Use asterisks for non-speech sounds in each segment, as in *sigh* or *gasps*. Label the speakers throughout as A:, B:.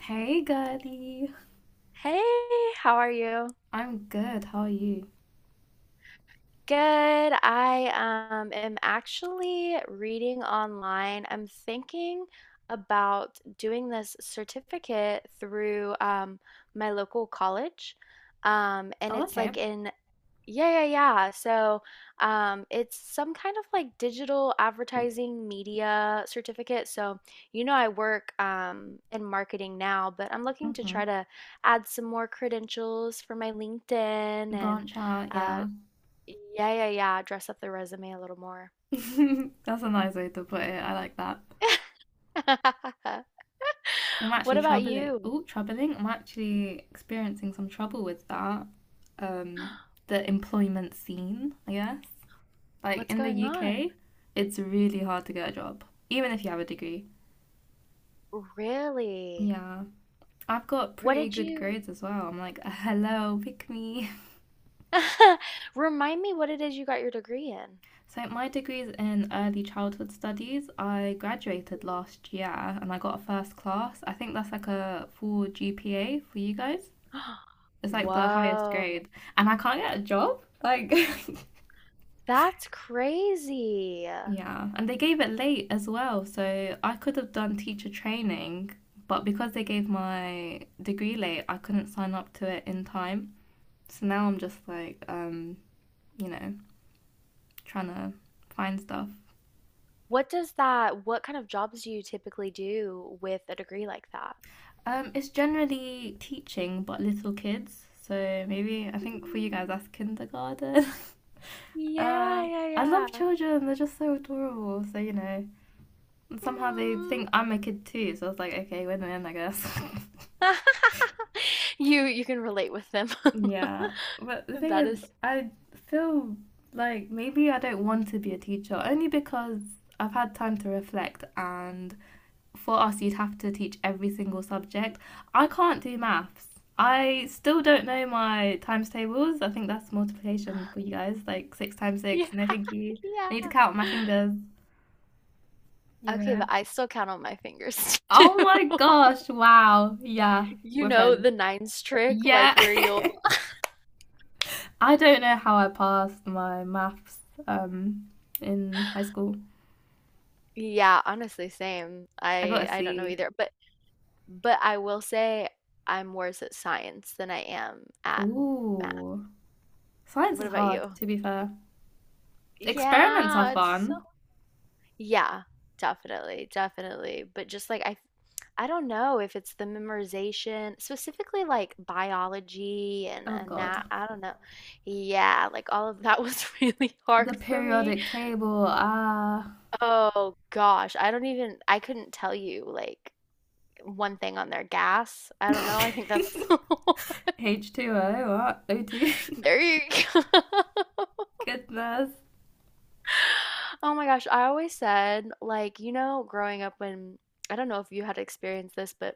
A: Hey, girly.
B: Hey, how are you?
A: I'm good. How are you?
B: Good. I am actually reading online. I'm thinking about doing this certificate through my local college. And
A: Oh,
B: it's
A: okay.
B: like in. Yeah, yeah, yeah. So, it's some kind of like digital advertising media certificate. So, I work in marketing now, but I'm looking to try
A: Mm-hmm.
B: to add some more credentials for my LinkedIn and
A: Branch out,
B: uh,
A: yeah.
B: yeah, yeah, yeah, dress up the resume a little more.
A: *laughs* That's a nice way to put it. I like that.
B: *laughs*
A: I'm
B: What
A: actually
B: about
A: troubling.
B: you?
A: Oh, troubling. I'm actually experiencing some trouble with that. Um,
B: *gasps*
A: the employment scene, I guess. Like
B: What's
A: in the
B: going on?
A: UK, it's really hard to get a job, even if you have a degree.
B: Really?
A: Yeah. I've got
B: What
A: pretty
B: did
A: good
B: you
A: grades as well. I'm like, hello, pick me.
B: *laughs* Remind me what it is you got your degree
A: So, my degree's in early childhood studies. I graduated
B: in?
A: last year and I got a first class. I think that's like a full GPA for you guys.
B: *gasps*
A: It's like the highest
B: Whoa,
A: grade. And I can't get a job. Like,
B: that's crazy.
A: *laughs* yeah. And they gave it late as well. So, I could have done teacher training, but because they gave my degree late, I couldn't sign up to it in time. So now I'm just like, you know, trying to find stuff.
B: What kind of jobs do you typically do with a degree like that?
A: It's generally teaching, but little kids. So maybe I think for you guys
B: Mm.
A: that's kindergarten. *laughs* uh,
B: Yeah, yeah,
A: I love
B: yeah.
A: children. They're just so adorable. So and somehow they
B: Hmm.
A: think I'm a kid too. So I was like, okay, win win, I guess.
B: *laughs* You can relate with them.
A: *laughs*
B: *laughs*
A: yeah, but the thing
B: That
A: is,
B: is,
A: I feel like maybe I don't want to be a teacher only because I've had time to reflect and for us, you'd have to teach every single subject. I can't do maths. I still don't know my times tables. I think that's multiplication for you guys, like six times
B: yeah,
A: six. No, thank you. I need to
B: yeah.
A: count my fingers, you
B: Okay,
A: know.
B: but I still count on my fingers *laughs* too.
A: Oh my gosh, wow. Yeah,
B: You
A: we're
B: know
A: friends.
B: the nines trick, like
A: Yeah.
B: where
A: *laughs*
B: you'll.
A: I don't know how I passed my maths um in high school.
B: *laughs* Yeah, honestly, same.
A: I got a
B: I don't know
A: C.
B: either, but I will say I'm worse at science than I am at math.
A: Ooh. Science
B: What
A: is
B: about
A: hard,
B: you?
A: to be fair. Experiments are
B: Yeah, it's so.
A: fun.
B: Yeah, definitely, definitely. But just like I don't know if it's the memorization, specifically like biology and
A: Oh
B: and that
A: God.
B: I don't know. Yeah, like all of that was *laughs* really
A: The
B: hard for me.
A: periodic table, ah.
B: Oh gosh, I don't even I couldn't tell you like one thing on their gas. I don't know. I think
A: *laughs*
B: that's.
A: H2O, what? O2?
B: *laughs* There you go. *laughs*
A: *laughs* Goodness.
B: Oh my gosh, I always said, like, growing up when I don't know if you had experienced this, but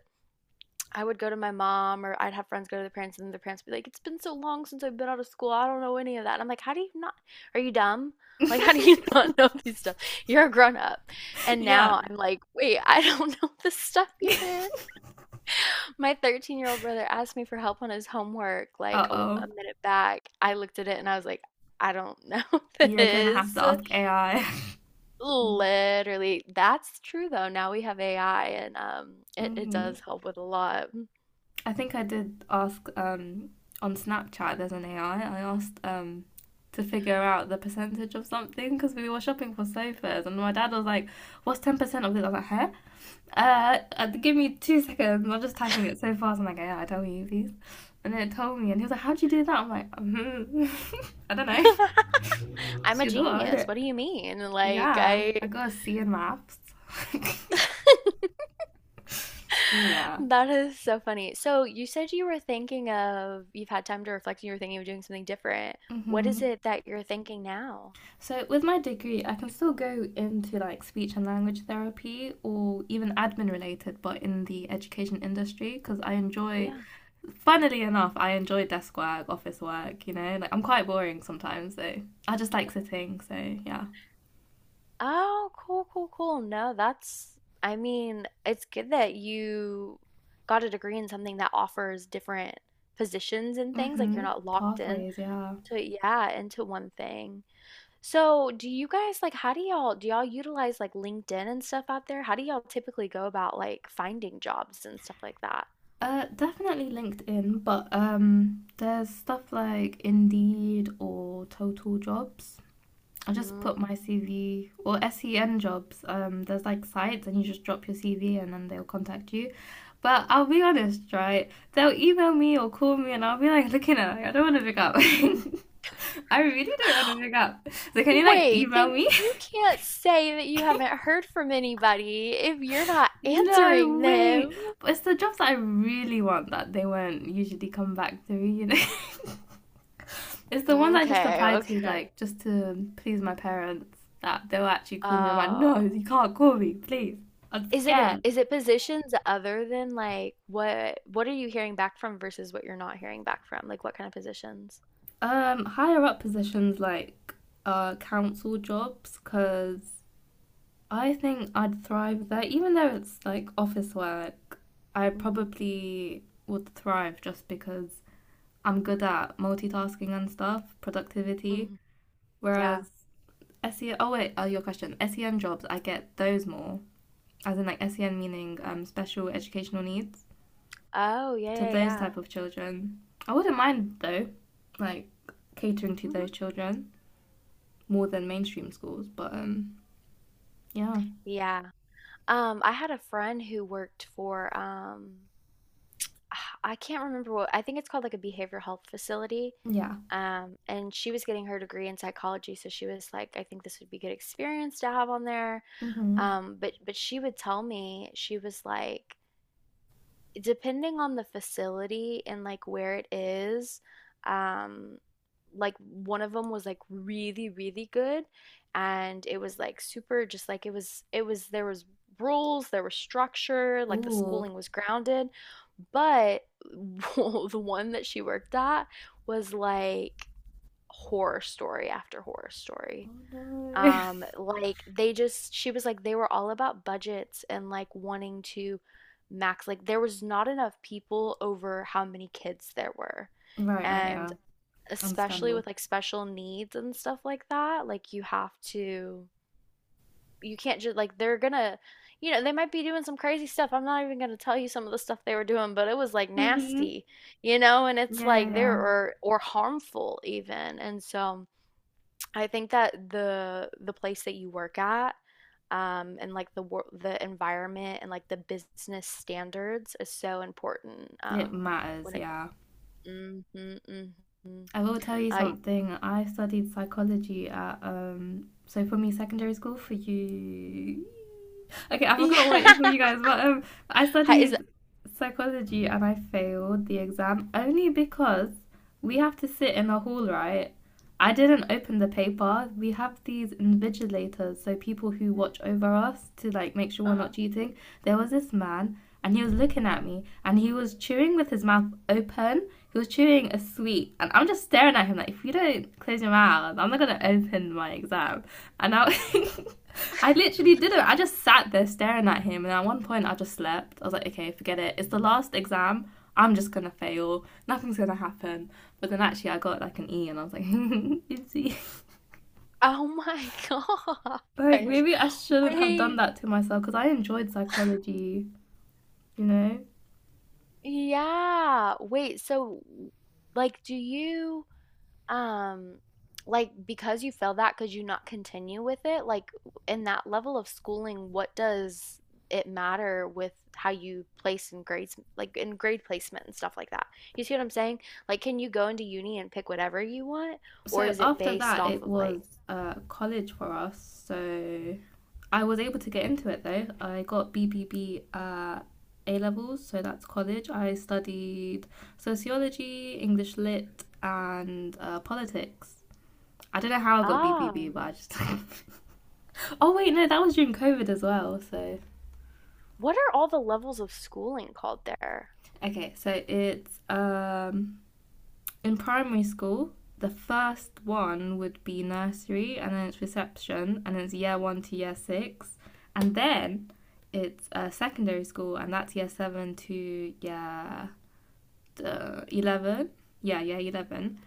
B: I would go to my mom or I'd have friends go to their parents and then their parents would be like, it's been so long since I've been out of school. I don't know any of that. And I'm like, how do you not? Are you dumb? *laughs* Like, how do you *laughs*
A: *laughs*
B: not know these stuff? You're a grown up. And
A: yeah.
B: now I'm like, wait, I don't *laughs* know this stuff either.
A: *laughs*
B: My 13-year-old brother asked me for help on his homework like
A: uh
B: a
A: oh.
B: minute back. I looked at it and I was like, I don't know *laughs*
A: You're gonna have
B: this.
A: to ask AI.
B: Literally, that's true though. Now we have AI and it
A: hmm *laughs*
B: does help with a lot.
A: I think I did ask on Snapchat, there's an AI. I asked to figure out the percentage of something because we were shopping for sofas, and my dad was like, what's 10% of this? I was like, huh? Give me 2 seconds. I'm just typing it so fast. I'm like, yeah, I tell you these. And then it told me, and he was like, how'd you do that? I'm like, *laughs* I don't know.
B: *laughs* I'm
A: It's
B: a
A: your door, isn't
B: genius. What
A: it?
B: do you mean? Like
A: Yeah, I
B: I
A: got a C in maths.
B: *laughs*
A: *laughs* yeah.
B: That is so funny. So you said you were thinking of you've had time to reflect and you were thinking of doing something different. What is
A: hmm
B: it that you're thinking now?
A: So with my degree, I can still go into like speech and language therapy or even admin related, but in the education industry because I enjoy
B: Yeah.
A: funnily enough, I enjoy desk work, office work, like I'm quite boring sometimes, so I just like sitting, so yeah.
B: Oh, cool, cool, cool. No, that's, I mean, it's good that you got a degree in something that offers different positions and things, like you're
A: Mm-hmm.
B: not locked in.
A: Pathways, yeah.
B: So yeah, into one thing. So do you guys like how do y'all utilize like LinkedIn and stuff out there? How do y'all typically go about like finding jobs and stuff like that?
A: Definitely LinkedIn, but there's stuff like Indeed or Total Jobs. I just put
B: Mm.
A: my CV or SEN jobs. There's like sites, and you just drop your CV, and then they'll contact you. But I'll be honest, right? They'll email me or call me, and I'll be like looking at it, like, I don't want to pick up. *laughs* I really don't want to
B: *gasps*
A: pick up. So can you like
B: Wait,
A: email
B: then
A: me?
B: you
A: *laughs*
B: can't say that you haven't heard from anybody if you're not *laughs* answering
A: No way.
B: them.
A: But it's the jobs that I really want that they won't usually come back to me. *laughs* It's the ones I just
B: Okay,
A: applied to
B: okay.
A: like just to please my parents that they'll actually call me. I'm like,
B: Uh,
A: no, you can't call me, please. I'm
B: is it a,
A: scared.
B: is it positions other than like what are you hearing back from versus what you're not hearing back from? Like what kind of positions?
A: Higher up positions like council jobs because I think I'd thrive there, even though it's like office work. I
B: Hmm.
A: probably would thrive just because I'm good at multitasking and stuff, productivity.
B: Hmm. Yeah.
A: Whereas SEN, oh wait, your question. SEN jobs, I get those more, as in like SEN meaning special educational needs
B: Oh, yeah,
A: to
B: yeah,
A: those
B: yeah.
A: type of children. I wouldn't mind though, like catering to
B: Mhm.
A: those children more than mainstream schools. But yeah,
B: Yeah. I had a friend who worked for *sighs* I can't remember what I think it's called, like a behavioral health facility.
A: yeah.
B: And she was getting her degree in psychology, so she was like, I think this would be good experience to have on there.
A: Mm-hmm.
B: But she would tell me, she was like, depending on the facility and like where it is, um, like one of them was like really, really good, and it was like super, just like it was, there was rules, there was structure, like the
A: Oh,
B: schooling was grounded, but *laughs* the one that she worked at was like horror story after horror story.
A: oh no.
B: Like they just, she was like, they were all about budgets and like wanting to max, like there was not enough people over how many kids there were.
A: *laughs* Right, right,
B: And
A: yeah.
B: especially
A: Understandable.
B: with like special needs and stuff like that, like you have to, you can't just like they're gonna, they might be doing some crazy stuff. I'm not even gonna tell you some of the stuff they were doing, but it was like
A: Mm-hmm.
B: nasty, and it's
A: Yeah,
B: like there
A: yeah,
B: or harmful even. And so I think that the place that you work at, and like the environment and like the business standards is so important.
A: yeah. It matters,
B: When it.
A: yeah.
B: Mm-hmm, mm-hmm.
A: I will tell you
B: I
A: something. I studied psychology at so for me secondary school for you. Okay,
B: *laughs*
A: I
B: Yeah.
A: forgot what it's for you guys, but I
B: Hi- is
A: studied psychology and I failed the exam only because we have to sit in a hall, right? I didn't open the paper. We have these invigilators, so people who watch over us to like make sure we're
B: Uh-huh.
A: not cheating. There was this man and he was looking at me and he was chewing with his mouth open. He was chewing a sweet, and I'm just staring at him like, if you don't close your mouth, I'm not gonna open my exam. And I, *laughs* I literally didn't. I just sat there staring at him, and at one point I just slept. I was like, okay, forget it. It's the last exam. I'm just gonna fail. Nothing's gonna happen. But then actually, I got like an E, and I was like, *laughs* oopsie.
B: Oh my *laughs*
A: Like
B: gosh.
A: maybe I shouldn't have done
B: Wait,
A: that to myself because I enjoyed psychology. You know,
B: yeah. Wait, so like do you um like because you failed, that could you not continue with it, like, in that level of schooling? What does it matter with how you place in grades, like in grade placement and stuff like that? You see what I'm saying? Like can you go into uni and pick whatever you want? Or
A: so
B: is it
A: after
B: based
A: that,
B: off
A: it
B: of like
A: was college for us. So I was able to get into it though. I got BBB A levels, so that's college. I studied sociology, English lit, and politics. I don't know how I got
B: ah
A: BBB, but I just. *laughs* Oh wait, no, that was during COVID as well. So
B: what are all the levels of schooling called there?
A: okay, so it's in primary school, the first one would be nursery, and then it's reception, and then it's year one to year six, and then it's secondary school, and that's year seven to year 11. Yeah, year 11,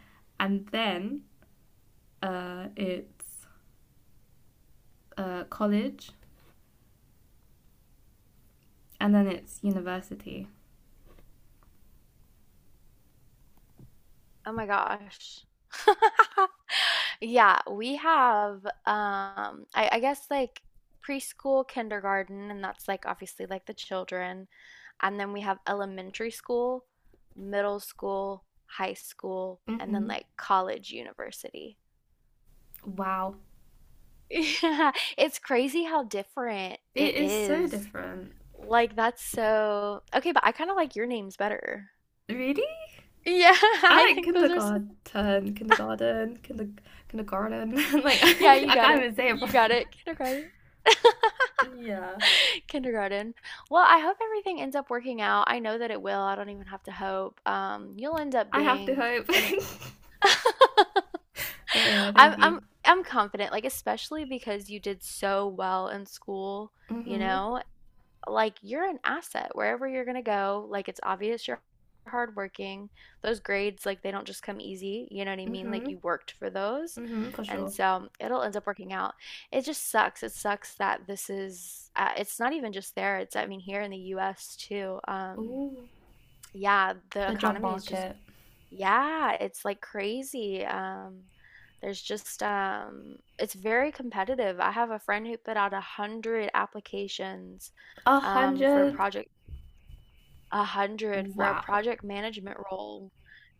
A: and then it's college, and then it's university.
B: Oh my gosh. *laughs* Yeah, we have I guess like preschool, kindergarten, and that's like obviously like the children. And then we have elementary school, middle school, high school, and then
A: hmm
B: like college, university. *laughs*
A: Wow,
B: Yeah, it's crazy how different
A: it
B: it
A: is so
B: is.
A: different.
B: Like that's so okay, but I kind of like your names better.
A: Really?
B: Yeah, *laughs* I
A: I like
B: think those are so.
A: kindergarten, kindergarten, kinder, kindergarten. *laughs* Like *laughs*
B: Yeah, you
A: I
B: got
A: can't
B: it.
A: even say it
B: You got
A: properly.
B: it. Kindergarten. *laughs*
A: Yeah,
B: *laughs* Kindergarten. Well, I hope everything ends up working out. I know that it will. I don't even have to hope. You'll end up
A: I have to
B: being
A: hope.
B: an.
A: *laughs*
B: *laughs*
A: But yeah,
B: I'm
A: thank
B: I'm
A: you.
B: I'm confident, like especially because you did so well in school, you
A: Mhm,
B: know? Like you're an asset wherever you're going to go. Like it's obvious you're hardworking. Those grades, like they don't just come easy. You know what I mean? Like
A: mhm,
B: you worked for those.
A: mhm, for
B: And
A: sure.
B: so it'll end up working out. It just sucks. It sucks that this is, it's not even just there. It's, I mean, here in the US too.
A: Ooh,
B: Yeah, the
A: the job
B: economy is just.
A: market.
B: Yeah, it's like crazy. There's just it's very competitive. I have a friend who put out 100 applications
A: A
B: for a
A: hundred.
B: project, 100 for a
A: Wow.
B: project management role,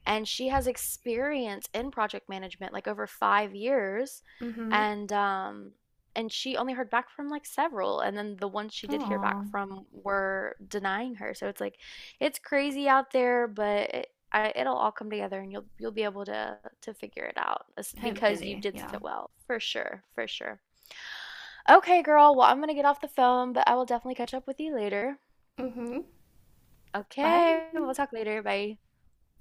B: and she has experience in project management like over 5 years,
A: Mhm.
B: and um and she only heard back from like several, and then the ones she did hear back
A: Aw.
B: from were denying her, so it's like it's crazy out there. But it'll all come together, and you'll be able to figure it out. It's because you
A: Hopefully,
B: did so
A: yeah.
B: well, for sure, for sure. Okay, girl, well, I'm gonna get off the phone, but I will definitely catch up with you later.
A: Mhm. Bye.
B: Okay, we'll talk later. Bye.